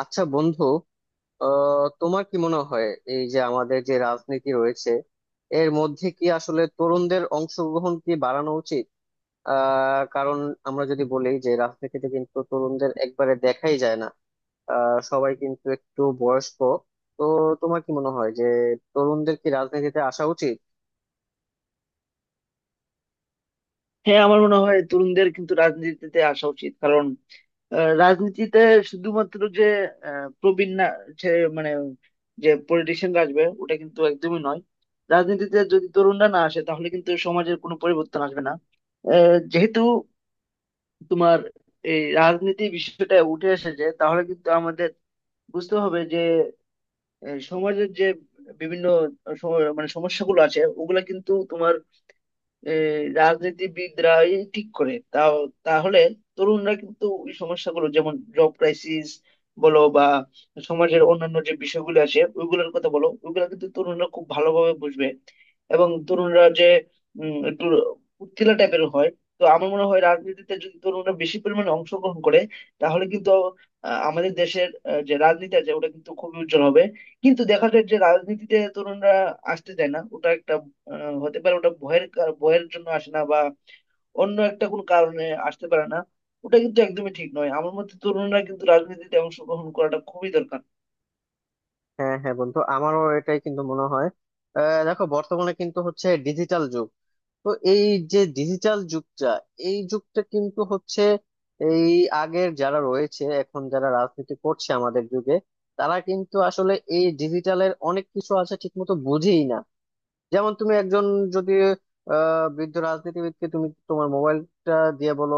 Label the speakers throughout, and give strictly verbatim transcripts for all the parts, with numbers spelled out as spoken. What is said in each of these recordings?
Speaker 1: আচ্ছা বন্ধু, আহ তোমার কি মনে হয়, এই যে আমাদের যে রাজনীতি রয়েছে এর মধ্যে কি আসলে তরুণদের অংশগ্রহণ কি বাড়ানো উচিত? আহ কারণ আমরা যদি বলি যে রাজনীতিতে কিন্তু তরুণদের একবারে দেখাই যায় না, আহ সবাই কিন্তু একটু বয়স্ক। তো তোমার কি মনে হয় যে তরুণদের কি রাজনীতিতে আসা উচিত?
Speaker 2: হ্যাঁ, আমার মনে হয় তরুণদের কিন্তু রাজনীতিতে আসা উচিত। কারণ আহ, রাজনীতিতে শুধুমাত্র যে আহ, প্রবীণ না, যে মানে যে পলিটিশিয়ানরা আসবে ওটা কিন্তু একদমই নয়। রাজনীতিতে যদি তরুণরা না আসে তাহলে কিন্তু সমাজের কোনো পরিবর্তন আসবে না। আহ, যেহেতু তোমার এই রাজনীতি বিষয়টা উঠে এসেছে তাহলে কিন্তু আমাদের বুঝতে হবে যে আহ, সমাজের যে বিভিন্ন সম- মানে সমস্যাগুলো আছে ওগুলা কিন্তু তোমার, এ, রাজনীতিবিদরা এই রাজনীতিবিদরাই ঠিক করে তাও। তাহলে তরুণরা কিন্তু ওই সমস্যাগুলো, যেমন জব ক্রাইসিস বলো বা সমাজের অন্যান্য যে বিষয়গুলো আছে ওইগুলোর কথা বলো, ওইগুলো কিন্তু তরুণরা খুব ভালোভাবে বুঝবে। এবং তরুণরা যে উম, একটু উত্তেলা টাইপের হয়। তো আমার মনে হয়, রাজনীতিতে যদি তরুণরা বেশি পরিমাণে অংশগ্রহণ করে তাহলে কিন্তু আহ, আমাদের দেশের আহ, যে রাজনীতি আছে ওটা কিন্তু খুবই উজ্জ্বল হবে। কিন্তু দেখা যায় যে রাজনীতিতে তরুণরা আসতে চায় না। ওটা একটা আহ, হতে পারে ওটা ভয়ের, কার- ভয়ের জন্য আসে না, বা অন্য একটা কোনো কারণে আসতে পারে না। ওটা কিন্তু একদমই ঠিক নয়। আমার মতে তরুণরা কিন্তু রাজনীতিতে অংশগ্রহণ করাটা খুবই দরকার।
Speaker 1: হ্যাঁ হ্যাঁ বন্ধু, আমারও এটাই কিন্তু মনে হয়। আহ দেখো, বর্তমানে কিন্তু হচ্ছে ডিজিটাল যুগ। তো এই যে ডিজিটাল যুগটা, এই যুগটা কিন্তু হচ্ছে এই, আগের যারা রয়েছে এখন যারা রাজনীতি করছে আমাদের যুগে, তারা কিন্তু আসলে এই ডিজিটালের অনেক কিছু আছে ঠিক মতো বুঝেই না। যেমন তুমি একজন যদি আহ বৃদ্ধ রাজনীতিবিদকে তুমি তোমার মোবাইলটা দিয়ে বলো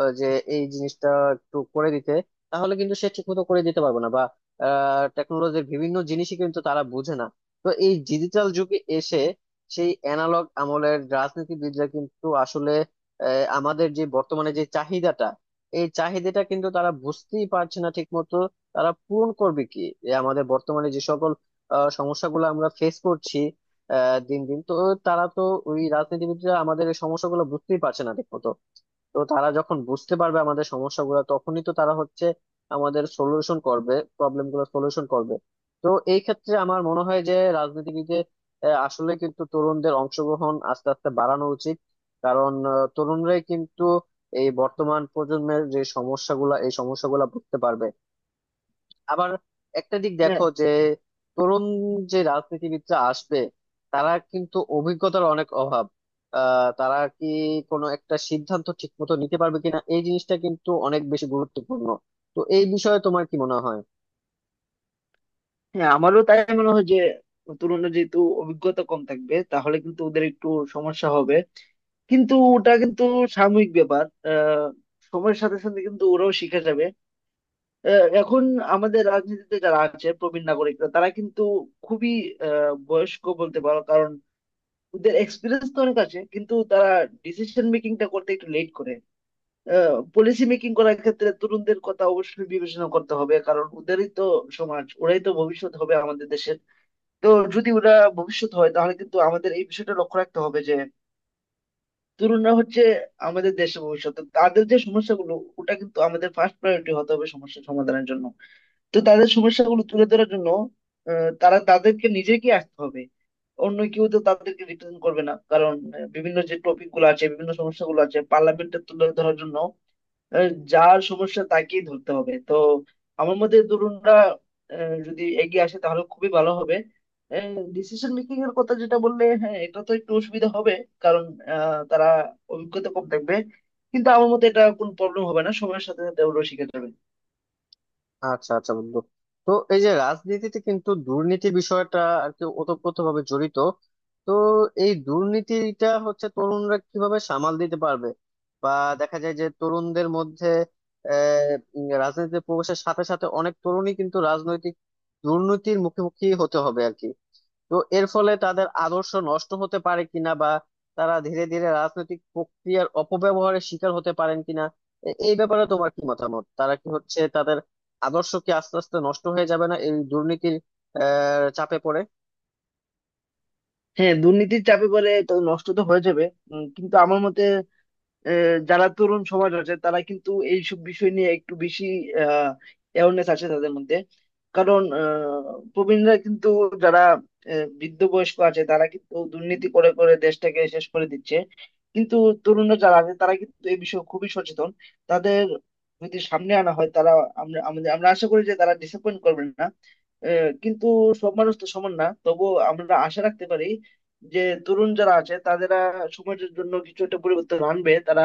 Speaker 1: আহ, যে এই জিনিসটা একটু করে দিতে, তাহলে কিন্তু সে ঠিকমতো করে দিতে পারবে না, বা টেকনোলজির বিভিন্ন জিনিসই কিন্তু তারা বুঝে না। তো এই ডিজিটাল যুগে এসে সেই অ্যানালগ আমলের রাজনীতিবিদরা কিন্তু আসলে আহ, আমাদের যে বর্তমানে যে চাহিদাটা, এই চাহিদাটা কিন্তু তারা বুঝতেই পারছে না ঠিকমতো। তারা পূরণ করবে কি, যে আমাদের বর্তমানে যে সকল আহ, সমস্যাগুলো আমরা ফেস করছি আহ দিন দিন, তো তারা তো, ওই রাজনীতিবিদরা আমাদের এই সমস্যাগুলো বুঝতেই পারছে না ঠিক মতো। তো তারা যখন বুঝতে পারবে আমাদের সমস্যাগুলো তখনই তো তারা হচ্ছে আমাদের সলিউশন করবে, প্রবলেম গুলো সলিউশন করবে। তো এই ক্ষেত্রে আমার মনে হয় যে রাজনীতিবিদে আহ, আসলে কিন্তু তরুণদের অংশগ্রহণ আস্তে আস্তে বাড়ানো উচিত। কারণ আহ, তরুণরাই কিন্তু এই বর্তমান প্রজন্মের যে সমস্যাগুলা, এই সমস্যাগুলা বুঝতে পারবে। আবার একটা দিক
Speaker 2: হ্যাঁ,
Speaker 1: দেখো যে তরুণ যে রাজনীতিবিদরা আসবে, তারা কিন্তু অভিজ্ঞতার অনেক অভাব। আহ তারা কি কোনো একটা সিদ্ধান্ত ঠিক মতো নিতে পারবে কিনা, এই জিনিসটা কিন্তু অনেক বেশি গুরুত্বপূর্ণ। তো এই বিষয়ে তোমার কি মনে হয়?
Speaker 2: হ্যাঁ, আমারও তাই মনে হয় যে তরুণরা যেহেতু অভিজ্ঞতা কম থাকবে তাহলে কিন্তু ওদের একটু সমস্যা হবে, কিন্তু ওটা কিন্তু সাময়িক ব্যাপার। আহ সময়ের সাথে সাথে কিন্তু ওরাও শিখে যাবে। আহ, এখন আমাদের রাজনীতিতে যারা আছে প্রবীণ নাগরিকরা তারা কিন্তু খুবই আহ বয়স্ক বলতে পারো। কারণ ওদের এক্সপিরিয়েন্স তো অনেক আছে, কিন্তু তারা ডিসিশন মেকিংটা করতে একটু লেট করে। পলিসি মেকিং করার ক্ষেত্রে তরুণদের কথা অবশ্যই বিবেচনা করতে হবে, কারণ ওদেরই তো সমাজ, ওরাই তো ভবিষ্যৎ হবে আমাদের দেশের। তো যদি ওরা ভবিষ্যৎ হয় তাহলে কিন্তু আমাদের এই বিষয়টা লক্ষ্য রাখতে হবে যে তরুণরা হচ্ছে আমাদের দেশের ভবিষ্যৎ। তো তাদের যে সমস্যাগুলো, ওটা কিন্তু আমাদের ফার্স্ট প্রায়োরিটি হতে হবে সমস্যা সমাধানের জন্য। তো তাদের সমস্যাগুলো তুলে ধরার জন্য আহ, তারা তাদেরকে নিজেকে আসতে হবে। অন্য কেউ তো তাদেরকে রিপ্রেজেন্ট করবে না। কারণ আহ, বিভিন্ন যে টপিক গুলো আছে, বিভিন্ন সমস্যাগুলো আছে পার্লামেন্টে তুলে ধরার জন্য আহ, যার সমস্যা তাকেই ধরতে হবে। তো আমার মতে তরুণরা আহ, যদি এগিয়ে আসে তাহলে খুবই ভালো হবে। ডিসিশন মেকিং এর কথা যেটা বললে, হ্যাঁ, এটা তো একটু অসুবিধা হবে। কারণ আহ, তারা অভিজ্ঞতা কম থাকবে। কিন্তু আমার মতে এটা কোনো প্রবলেম হবে না, সময়ের সাথে সাথে ওগুলো শিখে যাবে।
Speaker 1: আচ্ছা আচ্ছা বন্ধু, তো এই যে রাজনীতিতে কিন্তু দুর্নীতি বিষয়টা আর কি ওতপ্রোতভাবে জড়িত। তো এই দুর্নীতিটা হচ্ছে তরুণরা কিভাবে সামাল দিতে পারবে? বা দেখা যায় যে তরুণদের মধ্যে আহ উম, রাজনীতিতে প্রবেশের সাথে সাথে অনেক তরুণই কিন্তু রাজনৈতিক দুর্নীতির মুখোমুখি হতে হবে আর কি। তো এর ফলে তাদের আদর্শ নষ্ট হতে পারে কিনা, বা তারা ধীরে ধীরে রাজনৈতিক প্রক্রিয়ার অপব্যবহারের শিকার হতে পারেন কিনা, এ- এই ব্যাপারে তোমার কি মতামত? তারা কি হচ্ছে তাদের আদর্শ কি আস্তে আস্তে নষ্ট হয়ে যাবে না এই দুর্নীতির আহ চাপে পড়ে?
Speaker 2: হ্যাঁ, দুর্নীতির চাপে বলে তো নষ্ট তো হয়ে যাবে। উম, কিন্তু আমার মতে আহ, যারা তরুণ সমাজ আছে তারা কিন্তু এইসব বিষয় নিয়ে একটু বেশি অ্যাওয়ারনেস আছে তাদের মধ্যে। কারণ আহ, প্রবীণরা কিন্তু যারা আহ, বৃদ্ধ বয়স্ক আছে তারা কিন্তু দুর্নীতি করে করে দেশটাকে শেষ করে দিচ্ছে। কিন্তু তরুণরা যারা আছে তারা কিন্তু এই বিষয়ে খুবই সচেতন। তাদের যদি সামনে আনা হয় তারা আমরা আমাদের আমরা আশা করি যে তারা ডিসঅ্যাপয়েন্ট করবেন না। আহ, কিন্তু সব মানুষ তো সমান না, তবুও আমরা আশা রাখতে পারি যে তরুণ যারা আছে তারা সমাজের জন্য কিছু একটা পরিবর্তন আনবে। তারা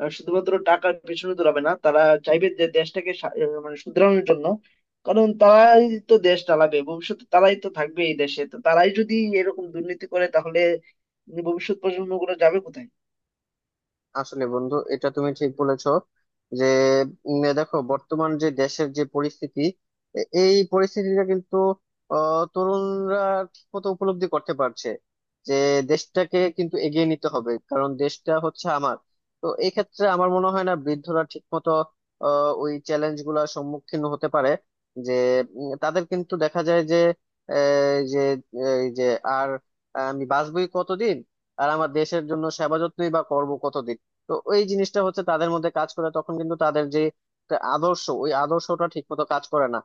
Speaker 2: আহ, শুধুমাত্র টাকার পেছনে দৌড়াবে না। তারা চাইবে যে দেশটাকে সা- আহ, মানে শুধরানোর জন্য। কারণ তারাই তো দেশ চালাবে ভবিষ্যতে, তারাই তো থাকবে এই দেশে। তো তারাই যদি এরকম দুর্নীতি করে তাহলে ভবিষ্যৎ প্রজন্ম গুলো যাবে কোথায়?
Speaker 1: আসলে বন্ধু, এটা তুমি ঠিক বলেছো যে উম, দেখো, বর্তমান যে দেশের যে পরিস্থিতি, এ- এই পরিস্থিতিটা কিন্তু আহ, তরুণরা ঠিকমতো উপলব্ধি করতে পারছে যে দেশটাকে কিন্তু এগিয়ে নিতে হবে কারণ দেশটা হচ্ছে আমার। তো এই ক্ষেত্রে আমার মনে হয় না বৃদ্ধরা ঠিকমতো আহ, ওই চ্যালেঞ্জ গুলা সম্মুখীন হতে পারে। যে উম, তাদের কিন্তু দেখা যায় যে আহ, যে এই যে আর আমি বাঁচবই কতদিন, আর আমার দেশের জন্য সেবা যত্নই বা করবো কতদিন। তো ওই জিনিসটা হচ্ছে তাদের মধ্যে কাজ করে, তখন কিন্তু তাদের যে একটা আদর্শ, ওই আদর্শটা ঠিক মতো কাজ করে না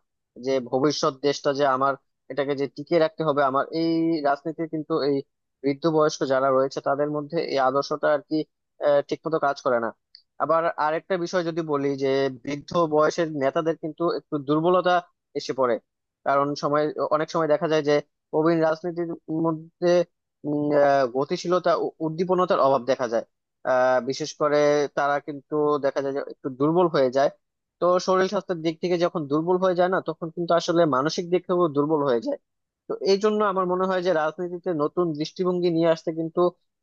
Speaker 1: যে ভবিষ্যৎ দেশটা যে আমার, এটাকে যে টিকিয়ে রাখতে হবে। আমার এই রাজনীতি কিন্তু এই বৃদ্ধ বয়স্ক যারা রয়েছে তাদের মধ্যে এই আদর্শটা আর কি আহ, ঠিক মতো কাজ করে না। আবার আরেকটা বিষয় যদি বলি যে বৃদ্ধ বয়সের নেতাদের কিন্তু একটু দুর্বলতা এসে পড়ে। কারণ সময়, অনেক সময় দেখা যায় যে প্রবীণ রাজনীতির মধ্যে উম, আহ, গতিশীলতা ও উদ্দীপনতার অভাব দেখা যায়। আহ বিশেষ করে তারা কিন্তু দেখা যায় যে একটু দুর্বল হয়ে যায়। তো শরীর স্বাস্থ্যের দিক থেকে যখন দুর্বল হয়ে যায় না, তখন কিন্তু আসলে মানসিক দিক থেকেও দুর্বল হয়ে যায়। তো এই জন্য আমার মনে হয় যে রাজনীতিতে নতুন দৃষ্টিভঙ্গি নিয়ে আসতে কিন্তু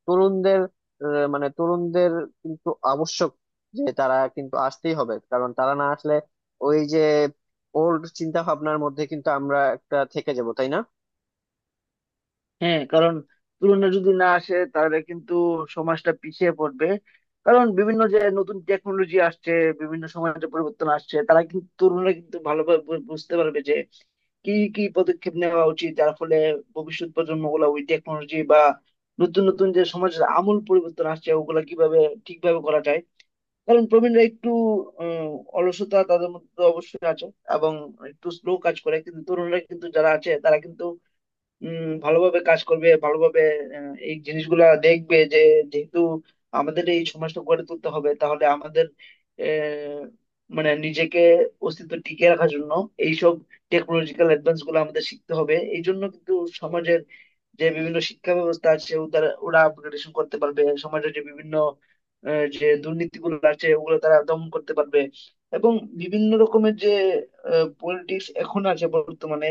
Speaker 1: তরুণদের, আহ, মানে তরুণদের কিন্তু আবশ্যক, যে তারা কিন্তু আসতেই হবে। কারণ তারা না আসলে ওই যে ওল্ড চিন্তা ভাবনার মধ্যে কিন্তু আমরা একটা থেকে যাব, তাই না?
Speaker 2: হ্যাঁ, কারণ তরুণরা যদি না আসে তাহলে কিন্তু সমাজটা পিছিয়ে পড়বে। কারণ বিভিন্ন যে নতুন টেকনোলজি আসছে, বিভিন্ন সমাজে পরিবর্তন আসছে, তারা কিন্তু তরুণরা কিন্তু ভালোভাবে বু- বুঝতে পারবে যে কি কি পদক্ষেপ নেওয়া উচিত, যার ফলে ভবিষ্যৎ প্রজন্ম গুলা ওই টেকনোলজি বা নতুন নতুন যে সমাজের আমূল পরিবর্তন আসছে ওগুলা কিভাবে ঠিকভাবে করা যায়। কারণ প্রবীণরা একটু উম, অলসতা তাদের মধ্যে তো অবশ্যই আছে, এবং একটু স্লো কাজ করে। কিন্তু তরুণরা কিন্তু যারা আছে তারা কিন্তু উম ভালোভাবে কাজ করবে, ভালোভাবে আহ, এই জিনিসগুলা দেখবে। যে যেহেতু আমাদের এই সমাজটা গড়ে তুলতে হবে, তাহলে আমাদের আহ, মানে নিজেকে অস্তিত্ব টিকিয়ে রাখার জন্য এইসব টেকনোলজিক্যাল অ্যাডভান্স গুলো আমাদের শিখতে হবে। এই জন্য কিন্তু সমাজের যে বিভিন্ন শিক্ষা ব্যবস্থা আছে ও তারা ওরা আপগ্রেডেশন করতে পারবে। সমাজের যে বিভিন্ন আহ, যে দুর্নীতিগুলো আছে ওগুলো তারা দমন করতে পারবে। এবং বিভিন্ন রকমের যে পলিটিক্স এখন আছে বর্তমানে,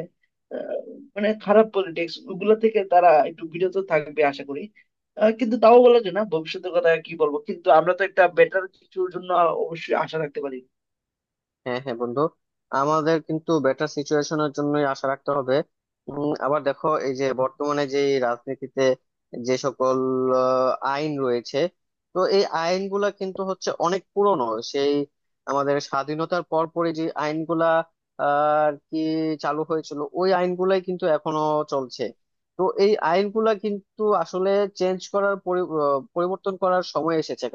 Speaker 2: মানে খারাপ পলিটিক্স ওগুলা থেকে তারা একটু বিরত থাকবে আশা করি। আহ, কিন্তু তাও বলা যায় না ভবিষ্যতের কথা কি বলবো, কিন্তু আমরা তো একটা বেটার কিছুর জন্য অবশ্যই আশা রাখতে পারি।
Speaker 1: হ্যাঁ হ্যাঁ বন্ধু, আমাদের কিন্তু বেটার সিচুয়েশনের জন্যই আশা রাখতে হবে। উম, আবার দেখো, এই যে বর্তমানে যে রাজনীতিতে যে সকল আহ, আইন রয়েছে, তো এই আইনগুলা কিন্তু হচ্ছে অনেক পুরনো। সেই আমাদের স্বাধীনতার পরপরই যে আইনগুলা আহ, আর কি চালু হয়েছিল, ওই আইনগুলাই কিন্তু এখনো চলছে। তো এই আইনগুলা কিন্তু আসলে চেঞ্জ করার পরি- আহ, পরিবর্তন করার সময় এসেছে।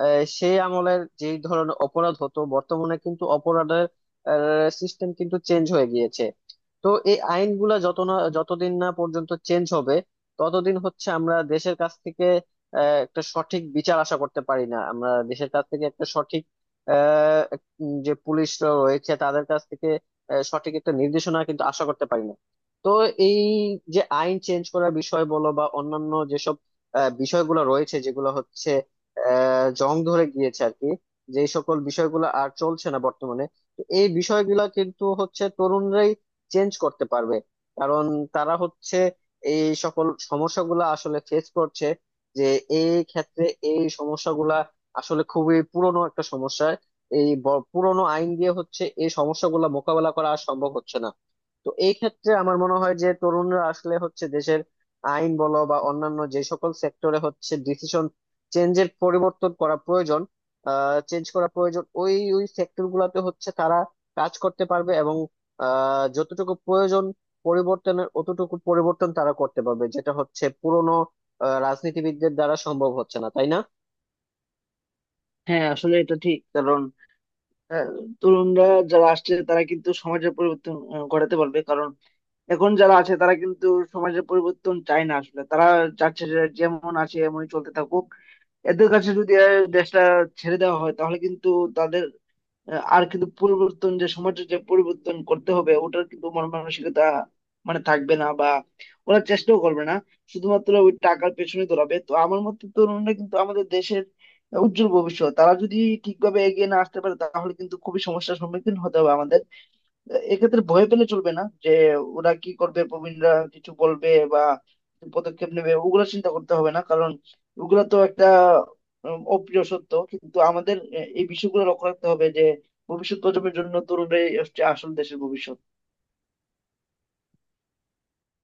Speaker 1: আহ, সেই আমলের যে ধরনের অপরাধ হতো, বর্তমানে কিন্তু অপরাধের সিস্টেম কিন্তু চেঞ্জ হয়ে গিয়েছে। তো এই আইনগুলা যত না, যতদিন না পর্যন্ত চেঞ্জ হবে ততদিন হচ্ছে আমরা দেশের কাছ থেকে আহ, একটা সঠিক বিচার আশা করতে পারি না। আমরা দেশের কাছ থেকে একটা সঠিক, আহ, এক- উম, যে পুলিশ রয়েছে তাদের কাছ থেকে আহ, সঠিক একটা নির্দেশনা কিন্তু আশা করতে পারি না। তো এই যে আইন চেঞ্জ করার বিষয় বলো বা অন্যান্য যেসব আহ, বিষয়গুলো রয়েছে যেগুলো হচ্ছে আহ জং ধরে গিয়েছে আর কি, যে সকল বিষয়গুলো আর চলছে না বর্তমানে। তো এই বিষয়গুলো কিন্তু হচ্ছে তরুণরাই চেঞ্জ করতে পারবে। কারণ তারা হচ্ছে এই সকল সমস্যাগুলো আসলে ফেস করছে। যে এই ক্ষেত্রে এই সমস্যাগুলা আসলে খুবই পুরনো একটা সমস্যা। এই ব- পুরনো আইন দিয়ে হচ্ছে এই সমস্যাগুলো মোকাবেলা করা আর সম্ভব হচ্ছে না। তো এই ক্ষেত্রে আমার মনে হয় যে তরুণরা আসলে হচ্ছে দেশের আইন বলো বা অন্যান্য যে সকল সেক্টরে হচ্ছে ডিসিশন চেঞ্জের পরিবর্তন করা প্রয়োজন, চেঞ্জ করা প্রয়োজন। ওই ওই সেক্টর গুলাতে হচ্ছে তারা কাজ করতে পারবে এবং আহ, যতটুকু প্রয়োজন পরিবর্তনের অতটুকু পরিবর্তন তারা করতে পারবে, যেটা হচ্ছে পুরনো রাজনীতিবিদদের দ্বারা সম্ভব হচ্ছে না, তাই না?
Speaker 2: হ্যাঁ, আসলে এটা ঠিক। কারণ আহ, তরুণরা যারা আসছে তারা কিন্তু সমাজের পরিবর্তন আহ, ঘটাতে পারবে। কারণ এখন যারা আছে তারা কিন্তু সমাজের পরিবর্তন চায় না। আসলে তারা চাচ্ছে যে যেমন আছে এমনই চলতে থাকুক। এদের কাছে যদি আহ, দেশটা ছেড়ে দেওয়া হয় তাহলে কিন্তু তাদের আহ, আর কিন্তু পরিবর্তন যে সমাজের যে পরিবর্তন করতে হবে ওটার কিন্তু মন মানসিকতা মানে থাকবে না, বা ওরা চেষ্টাও করবে না, শুধুমাত্র ওই টাকার পেছনে দৌড়াবে। তো আমার মতে তরুণরা কিন্তু আমাদের দেশের উজ্জ্বল ভবিষ্যৎ। তারা যদি ঠিকভাবে এগিয়ে না আসতে পারে তাহলে কিন্তু খুবই সমস্যার সম্মুখীন হতে হবে আমাদের। এক্ষেত্রে ভয় পেলে চলবে না যে ওরা কি করবে, প্রবীণরা কিছু বলবে বা কি পদক্ষেপ নেবে, ওগুলো চিন্তা করতে হবে না। কারণ ওগুলো তো একটা উম, অপ্রিয় সত্য। কিন্তু আমাদের এ- এই বিষয়গুলো লক্ষ্য রাখতে হবে যে ভবিষ্যৎ প্রজন্মের জন্য তরুণরাই হচ্ছে আসল দেশের ভবিষ্যৎ।